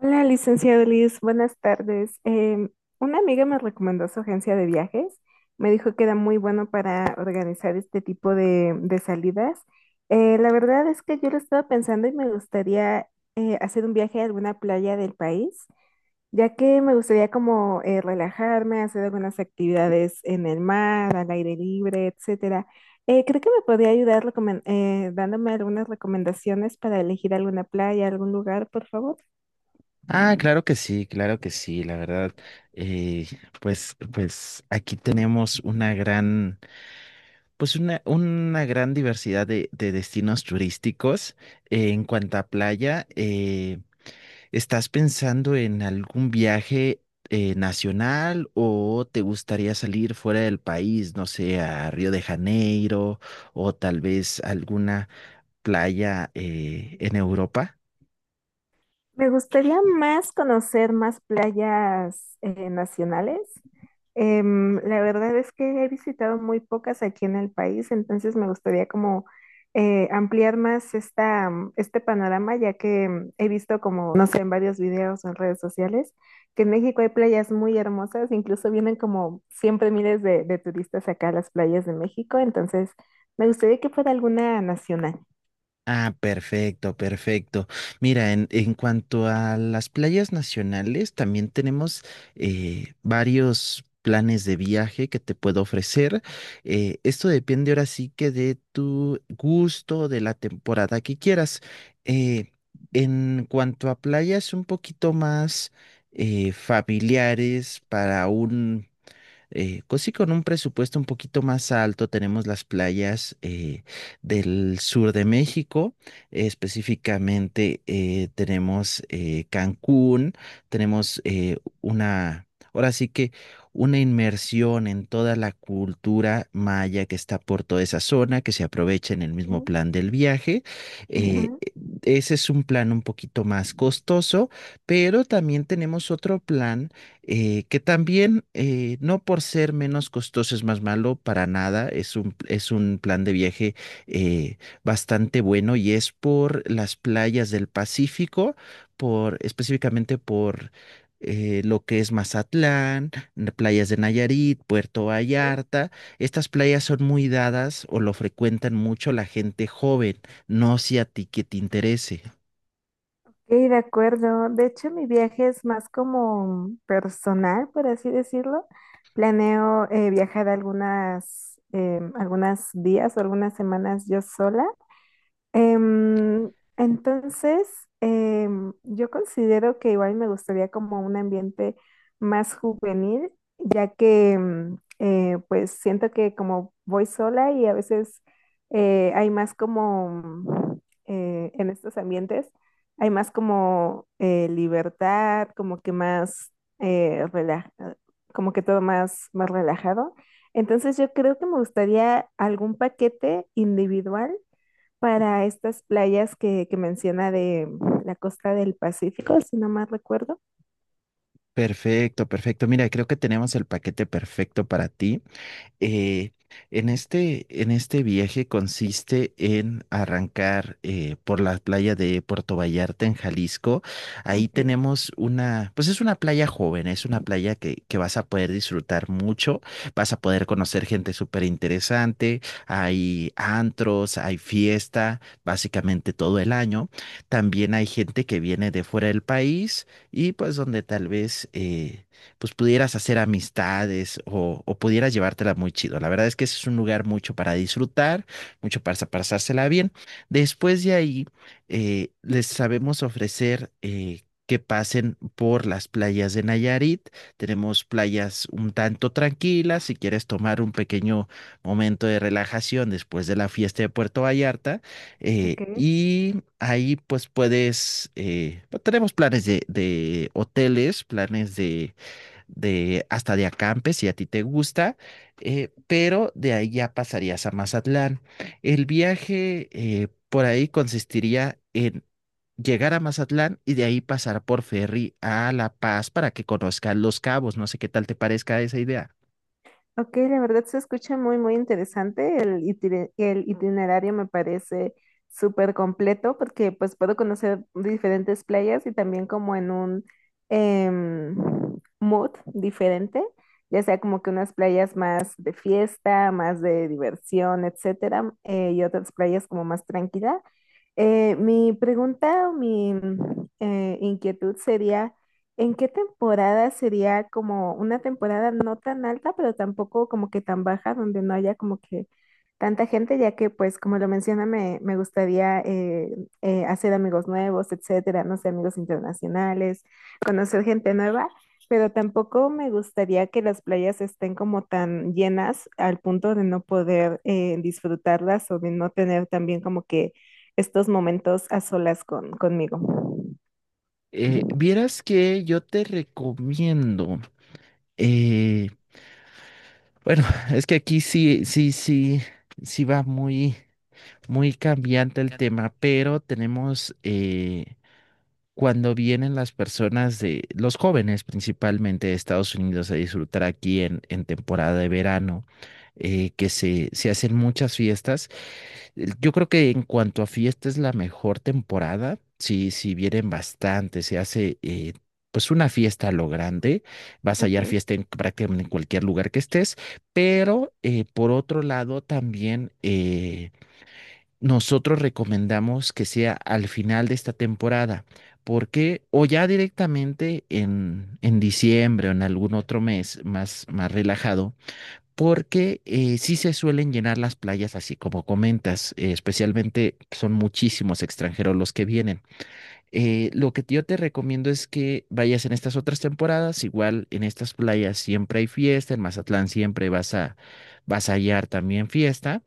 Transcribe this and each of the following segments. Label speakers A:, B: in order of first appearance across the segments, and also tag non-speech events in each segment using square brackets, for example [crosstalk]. A: Hola, licenciado Liz, buenas tardes. Una amiga me recomendó su agencia de viajes. Me dijo que era muy bueno para organizar este tipo de salidas. La verdad es que yo lo estaba pensando y me gustaría hacer un viaje a alguna playa del país, ya que me gustaría como relajarme, hacer algunas actividades en el mar, al aire libre, etcétera. Creo que me podría ayudar dándome algunas recomendaciones para elegir alguna playa, algún lugar, por favor.
B: Ah, claro que sí, la verdad. eh, pues aquí tenemos una gran, pues una gran diversidad de destinos turísticos. En cuanto a playa, ¿estás pensando en algún viaje nacional o te gustaría salir fuera del país, no sé, a Río de Janeiro o tal vez alguna playa en Europa?
A: Me gustaría más conocer más playas nacionales. La verdad es que he visitado muy pocas aquí en el país, entonces me gustaría como ampliar más este panorama, ya que he visto como, no sé, en varios videos o en redes sociales, que en México hay playas muy hermosas, incluso vienen como siempre miles de turistas acá a las playas de México, entonces me gustaría que fuera alguna nacional.
B: Ah, perfecto, perfecto. Mira, en cuanto a las playas nacionales, también tenemos varios planes de viaje que te puedo ofrecer. Esto depende ahora sí que de tu gusto, de la temporada que quieras. Eh, en cuanto a playas un poquito más familiares para pues sí, con un presupuesto un poquito más alto tenemos las playas del sur de México, específicamente tenemos Cancún, tenemos una, ahora sí que una inmersión en toda la cultura maya que está por toda esa zona, que se aprovecha en el mismo plan del viaje. Eh,
A: Ujú.
B: e- Ese es un plan un poquito más costoso, pero también tenemos otro plan que también no por ser menos costoso es más malo, para nada, es un plan de viaje eh, bastante bueno y es por las playas del Pacífico, por, específicamente por lo que es Mazatlán, playas de Nayarit, Puerto Vallarta. Estas playas son muy dadas o lo frecuentan mucho la gente joven, no si a ti que te interese.
A: Sí, de acuerdo. De hecho, mi viaje es más como personal, por así decirlo. Planeo viajar algunas días o algunas semanas yo sola. Em, entonces, yo considero que igual me gustaría como un ambiente más juvenil, ya que pues siento que como voy sola y a veces hay más como en estos ambientes, hay más como libertad, como que más eh, rela- como que todo más, más relajado. Entonces yo creo que me gustaría algún paquete individual para estas playas que menciona de la costa del Pacífico, si no mal recuerdo.
B: Perfecto, perfecto. Mira, creo que tenemos el paquete perfecto para ti. Eh, en este, en este viaje consiste en arrancar por la playa de Puerto Vallarta en Jalisco. Ahí
A: Ok,
B: tenemos una, pues es una playa joven, es una playa que vas a poder disfrutar mucho, vas a poder conocer gente súper interesante, hay antros, hay fiesta, básicamente todo el año. También hay gente que viene de fuera del país y pues donde tal vez... pues pudieras hacer amistades o pudieras llevártela muy chido. La verdad es que ese es un lugar mucho para disfrutar, mucho para pasársela bien. Después de ahí, les sabemos ofrecer... que pasen por las playas de Nayarit. Tenemos playas un tanto tranquilas. Si quieres tomar un pequeño momento de relajación después de la fiesta de Puerto Vallarta,
A: ok.
B: y ahí pues puedes, tenemos planes de hoteles, planes de hasta de acampe, si a ti te gusta, pero de ahí ya pasarías a Mazatlán. El viaje por ahí consistiría en llegar a Mazatlán y de ahí pasar por ferry a La Paz para que conozcas Los Cabos. No sé qué tal te parezca esa idea.
A: Ok, la verdad se escucha muy, muy interesante. El itinerario me parece súper completo porque pues puedo conocer diferentes playas y también como en un em, mood diferente, ya sea como que unas playas más de fiesta, más de diversión, etcétera, y otras playas como más tranquila. Mi pregunta o mi inquietud sería, ¿en qué temporada sería como una temporada no tan alta, pero tampoco como que tan baja, donde no haya como que tanta gente, ya que pues como lo menciona, me gustaría hacer amigos nuevos, etcétera, no sé, amigos internacionales, conocer gente nueva, pero tampoco me gustaría que las playas estén como tan llenas al punto de no poder disfrutarlas o de no tener también como que estos momentos a solas conmigo?
B: Vieras que yo te recomiendo, eh, bueno, [laughs] es que aquí sí, sí, sí, sí va muy, muy cambiante el tema, pero tenemos cuando vienen las personas de, los jóvenes principalmente de Estados Unidos a disfrutar aquí en temporada de verano, que se hacen muchas fiestas. Yo creo que en cuanto a fiesta es la mejor temporada, sí, sí vienen bastante, se hace pues una fiesta a lo grande, vas a hallar
A: Ok.
B: fiesta en prácticamente en cualquier lugar que estés, pero por otro lado también... nosotros recomendamos que sea al final de esta temporada, porque o ya directamente en diciembre o en algún otro mes más, más relajado, porque sí se suelen llenar las playas así como comentas, especialmente son muchísimos extranjeros los que vienen. Lo que yo te recomiendo es que vayas en estas otras temporadas, igual en estas playas siempre hay fiesta, en Mazatlán siempre vas a, vas a hallar también fiesta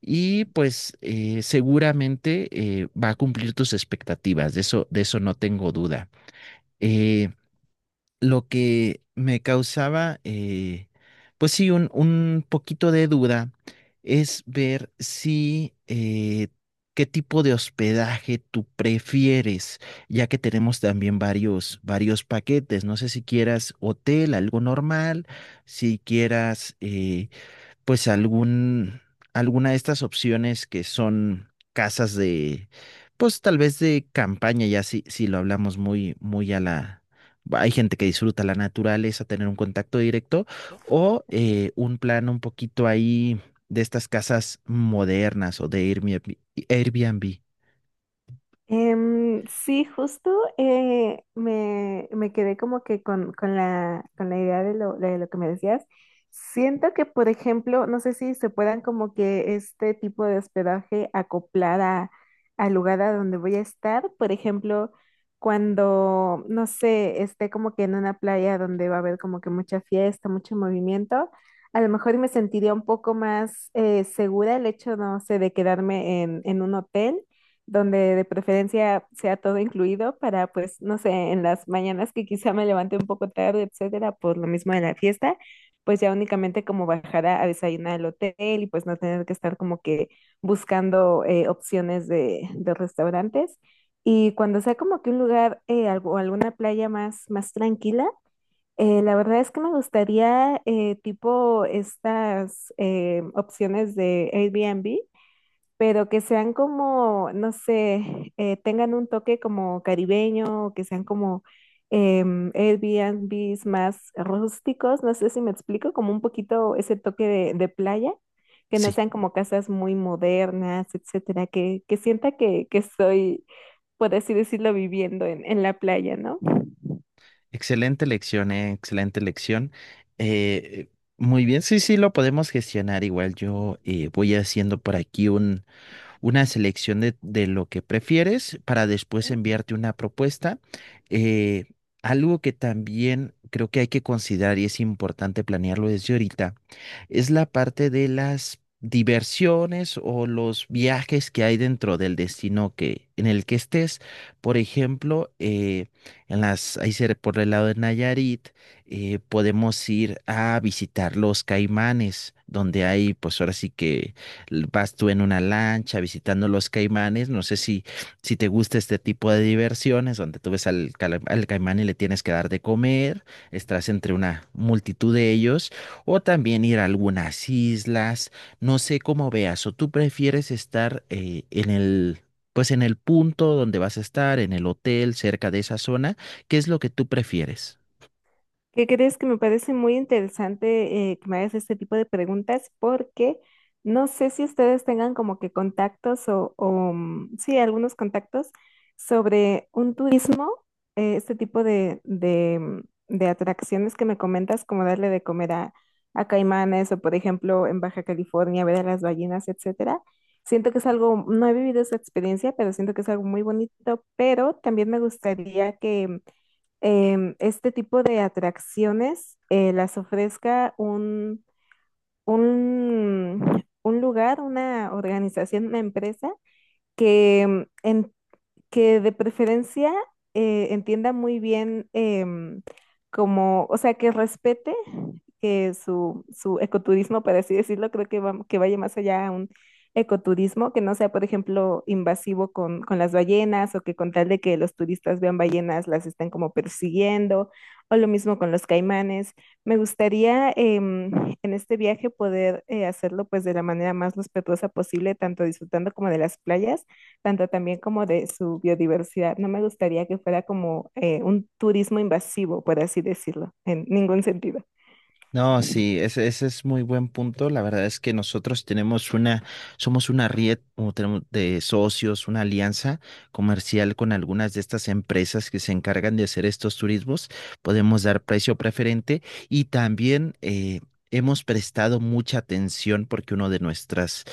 B: y pues seguramente va a cumplir tus expectativas, de eso no tengo duda. Eh, lo que me causaba, pues sí, un poquito de duda es ver si qué tipo de hospedaje tú prefieres, ya que tenemos también varios, varios paquetes. No sé si quieras hotel, algo normal, si quieras... pues algún, alguna de estas opciones que son casas de, pues tal vez de campaña, ya si, si lo hablamos muy, muy a la... Hay gente que disfruta la naturaleza, tener un contacto directo, o un plan un poquito ahí de estas casas modernas o de Airbnb. Airbnb.
A: Sí, justo me quedé como que con la idea de de lo que me decías. Siento que, por ejemplo, no sé si se puedan como que este tipo de hospedaje acoplar al lugar a donde voy a estar. Por ejemplo, cuando, no sé, esté como que en una playa donde va a haber como que mucha fiesta, mucho movimiento. A lo mejor me sentiría un poco más segura el hecho, no sé, de quedarme en un hotel donde de preferencia sea todo incluido para, pues, no sé, en las mañanas que quizá me levante un poco tarde, etcétera, por lo mismo de la fiesta, pues ya únicamente como bajar a desayunar al hotel y pues no tener que estar como que buscando opciones de restaurantes. Y cuando sea como que un lugar alguna playa más, más tranquila, la verdad es que me gustaría tipo estas opciones de Airbnb, pero que sean como, no sé, tengan un toque como caribeño, o que sean como Airbnbs más rústicos, no sé si me explico, como un poquito ese toque de playa, que no
B: Sí,
A: sean como casas muy modernas, etcétera, que sienta que estoy, por así decirlo, viviendo en la playa, ¿no?
B: excelente lección, excelente lección. Eh, muy bien, sí, sí, lo podemos gestionar igual. Yo voy haciendo por aquí una selección de lo que prefieres para después enviarte una propuesta. Eh, algo que también creo que hay que considerar y es importante planearlo desde ahorita es la parte de las diversiones o los viajes que hay dentro del destino que en el que estés. Por ejemplo, en las ahí por el lado de Nayarit podemos ir a visitar los Caimanes, donde hay, pues ahora sí que vas tú en una lancha visitando los caimanes, no sé si, si te gusta este tipo de diversiones donde tú ves al, al caimán y le tienes que dar de comer, estás entre una multitud de ellos, o también ir a algunas islas, no sé cómo veas, o tú prefieres estar en el... Pues en el punto donde vas a estar, en el hotel, cerca de esa zona, ¿qué es lo que tú prefieres?
A: ¿Qué crees? Que me parece muy interesante que me hagas este tipo de preguntas. Porque no sé si ustedes tengan como que contactos sí, algunos contactos sobre un turismo, este tipo de atracciones que me comentas, como darle de comer a caimanes o, por ejemplo, en Baja California, ver a las ballenas, etcétera. Siento que es algo, no he vivido esa experiencia, pero siento que es algo muy bonito, pero también me gustaría que este tipo de atracciones las ofrezca un lugar, una organización, una empresa que em, en que de preferencia entienda muy bien como, o sea, que respete que su ecoturismo, por así decirlo, creo que que vaya más allá a un ecoturismo, que no sea, por ejemplo, invasivo con las ballenas o que con tal de que los turistas vean ballenas las estén como persiguiendo, o lo mismo con los caimanes. Me gustaría en este viaje poder hacerlo pues de la manera más respetuosa posible, tanto disfrutando como de las playas tanto también como de su biodiversidad. No me gustaría que fuera como un turismo invasivo, por así decirlo, en ningún sentido.
B: No, sí, ese es muy buen punto. La verdad es que nosotros tenemos una, somos una red o tenemos de socios, una alianza comercial con algunas de estas empresas que se encargan de hacer estos turismos. Podemos dar precio preferente y también hemos prestado mucha atención porque uno de nuestros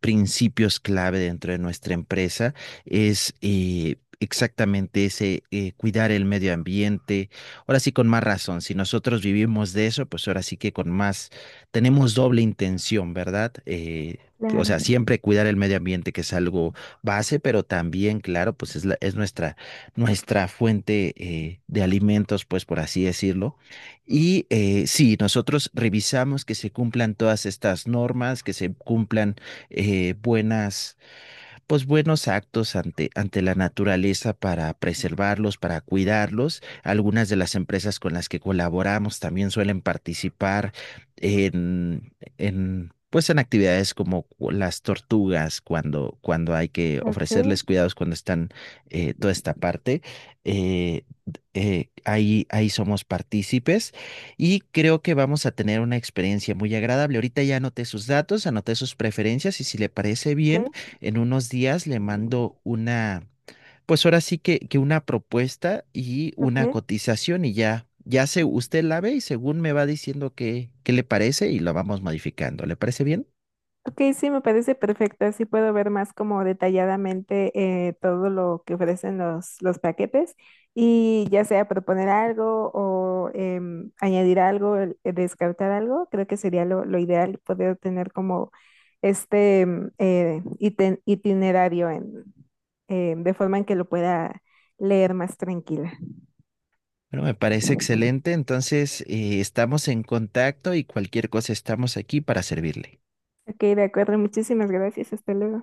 B: principios clave dentro de nuestra empresa es... exactamente ese, cuidar el medio ambiente, ahora sí con más razón, si nosotros vivimos de eso, pues ahora sí que con más, tenemos doble intención, ¿verdad? O
A: Claro,
B: sea, siempre cuidar el medio ambiente, que es algo base, pero también, claro, pues es, es nuestra, nuestra fuente de alimentos, pues por así decirlo. Y sí, nosotros revisamos que se cumplan todas estas normas, que se cumplan buenas pues buenos actos ante, ante la naturaleza para preservarlos, para cuidarlos. Algunas de las empresas con las que colaboramos también suelen participar en pues en actividades como las tortugas, cuando, cuando hay que
A: ok,
B: ofrecerles cuidados, cuando están toda esta parte, eh, ahí, ahí somos partícipes y creo que vamos a tener una experiencia muy agradable. Ahorita ya anoté sus datos, anoté sus preferencias y si le parece
A: ok,
B: bien. En unos días le mando una, pues ahora sí que una propuesta y
A: ok.
B: una cotización y ya, ya se, usted la ve y según me va diciendo qué, qué le parece y lo vamos modificando. ¿Le parece bien?
A: Ok, sí, me parece perfecto. Así puedo ver más como detalladamente todo lo que ofrecen los paquetes, y ya sea proponer algo o añadir algo, descartar algo. Creo que sería lo ideal poder tener como este itinerario de forma en que lo pueda leer más tranquila.
B: Bueno, me parece excelente. Entonces, estamos en contacto y cualquier cosa estamos aquí para servirle.
A: Ok, de acuerdo. Muchísimas gracias. Hasta luego.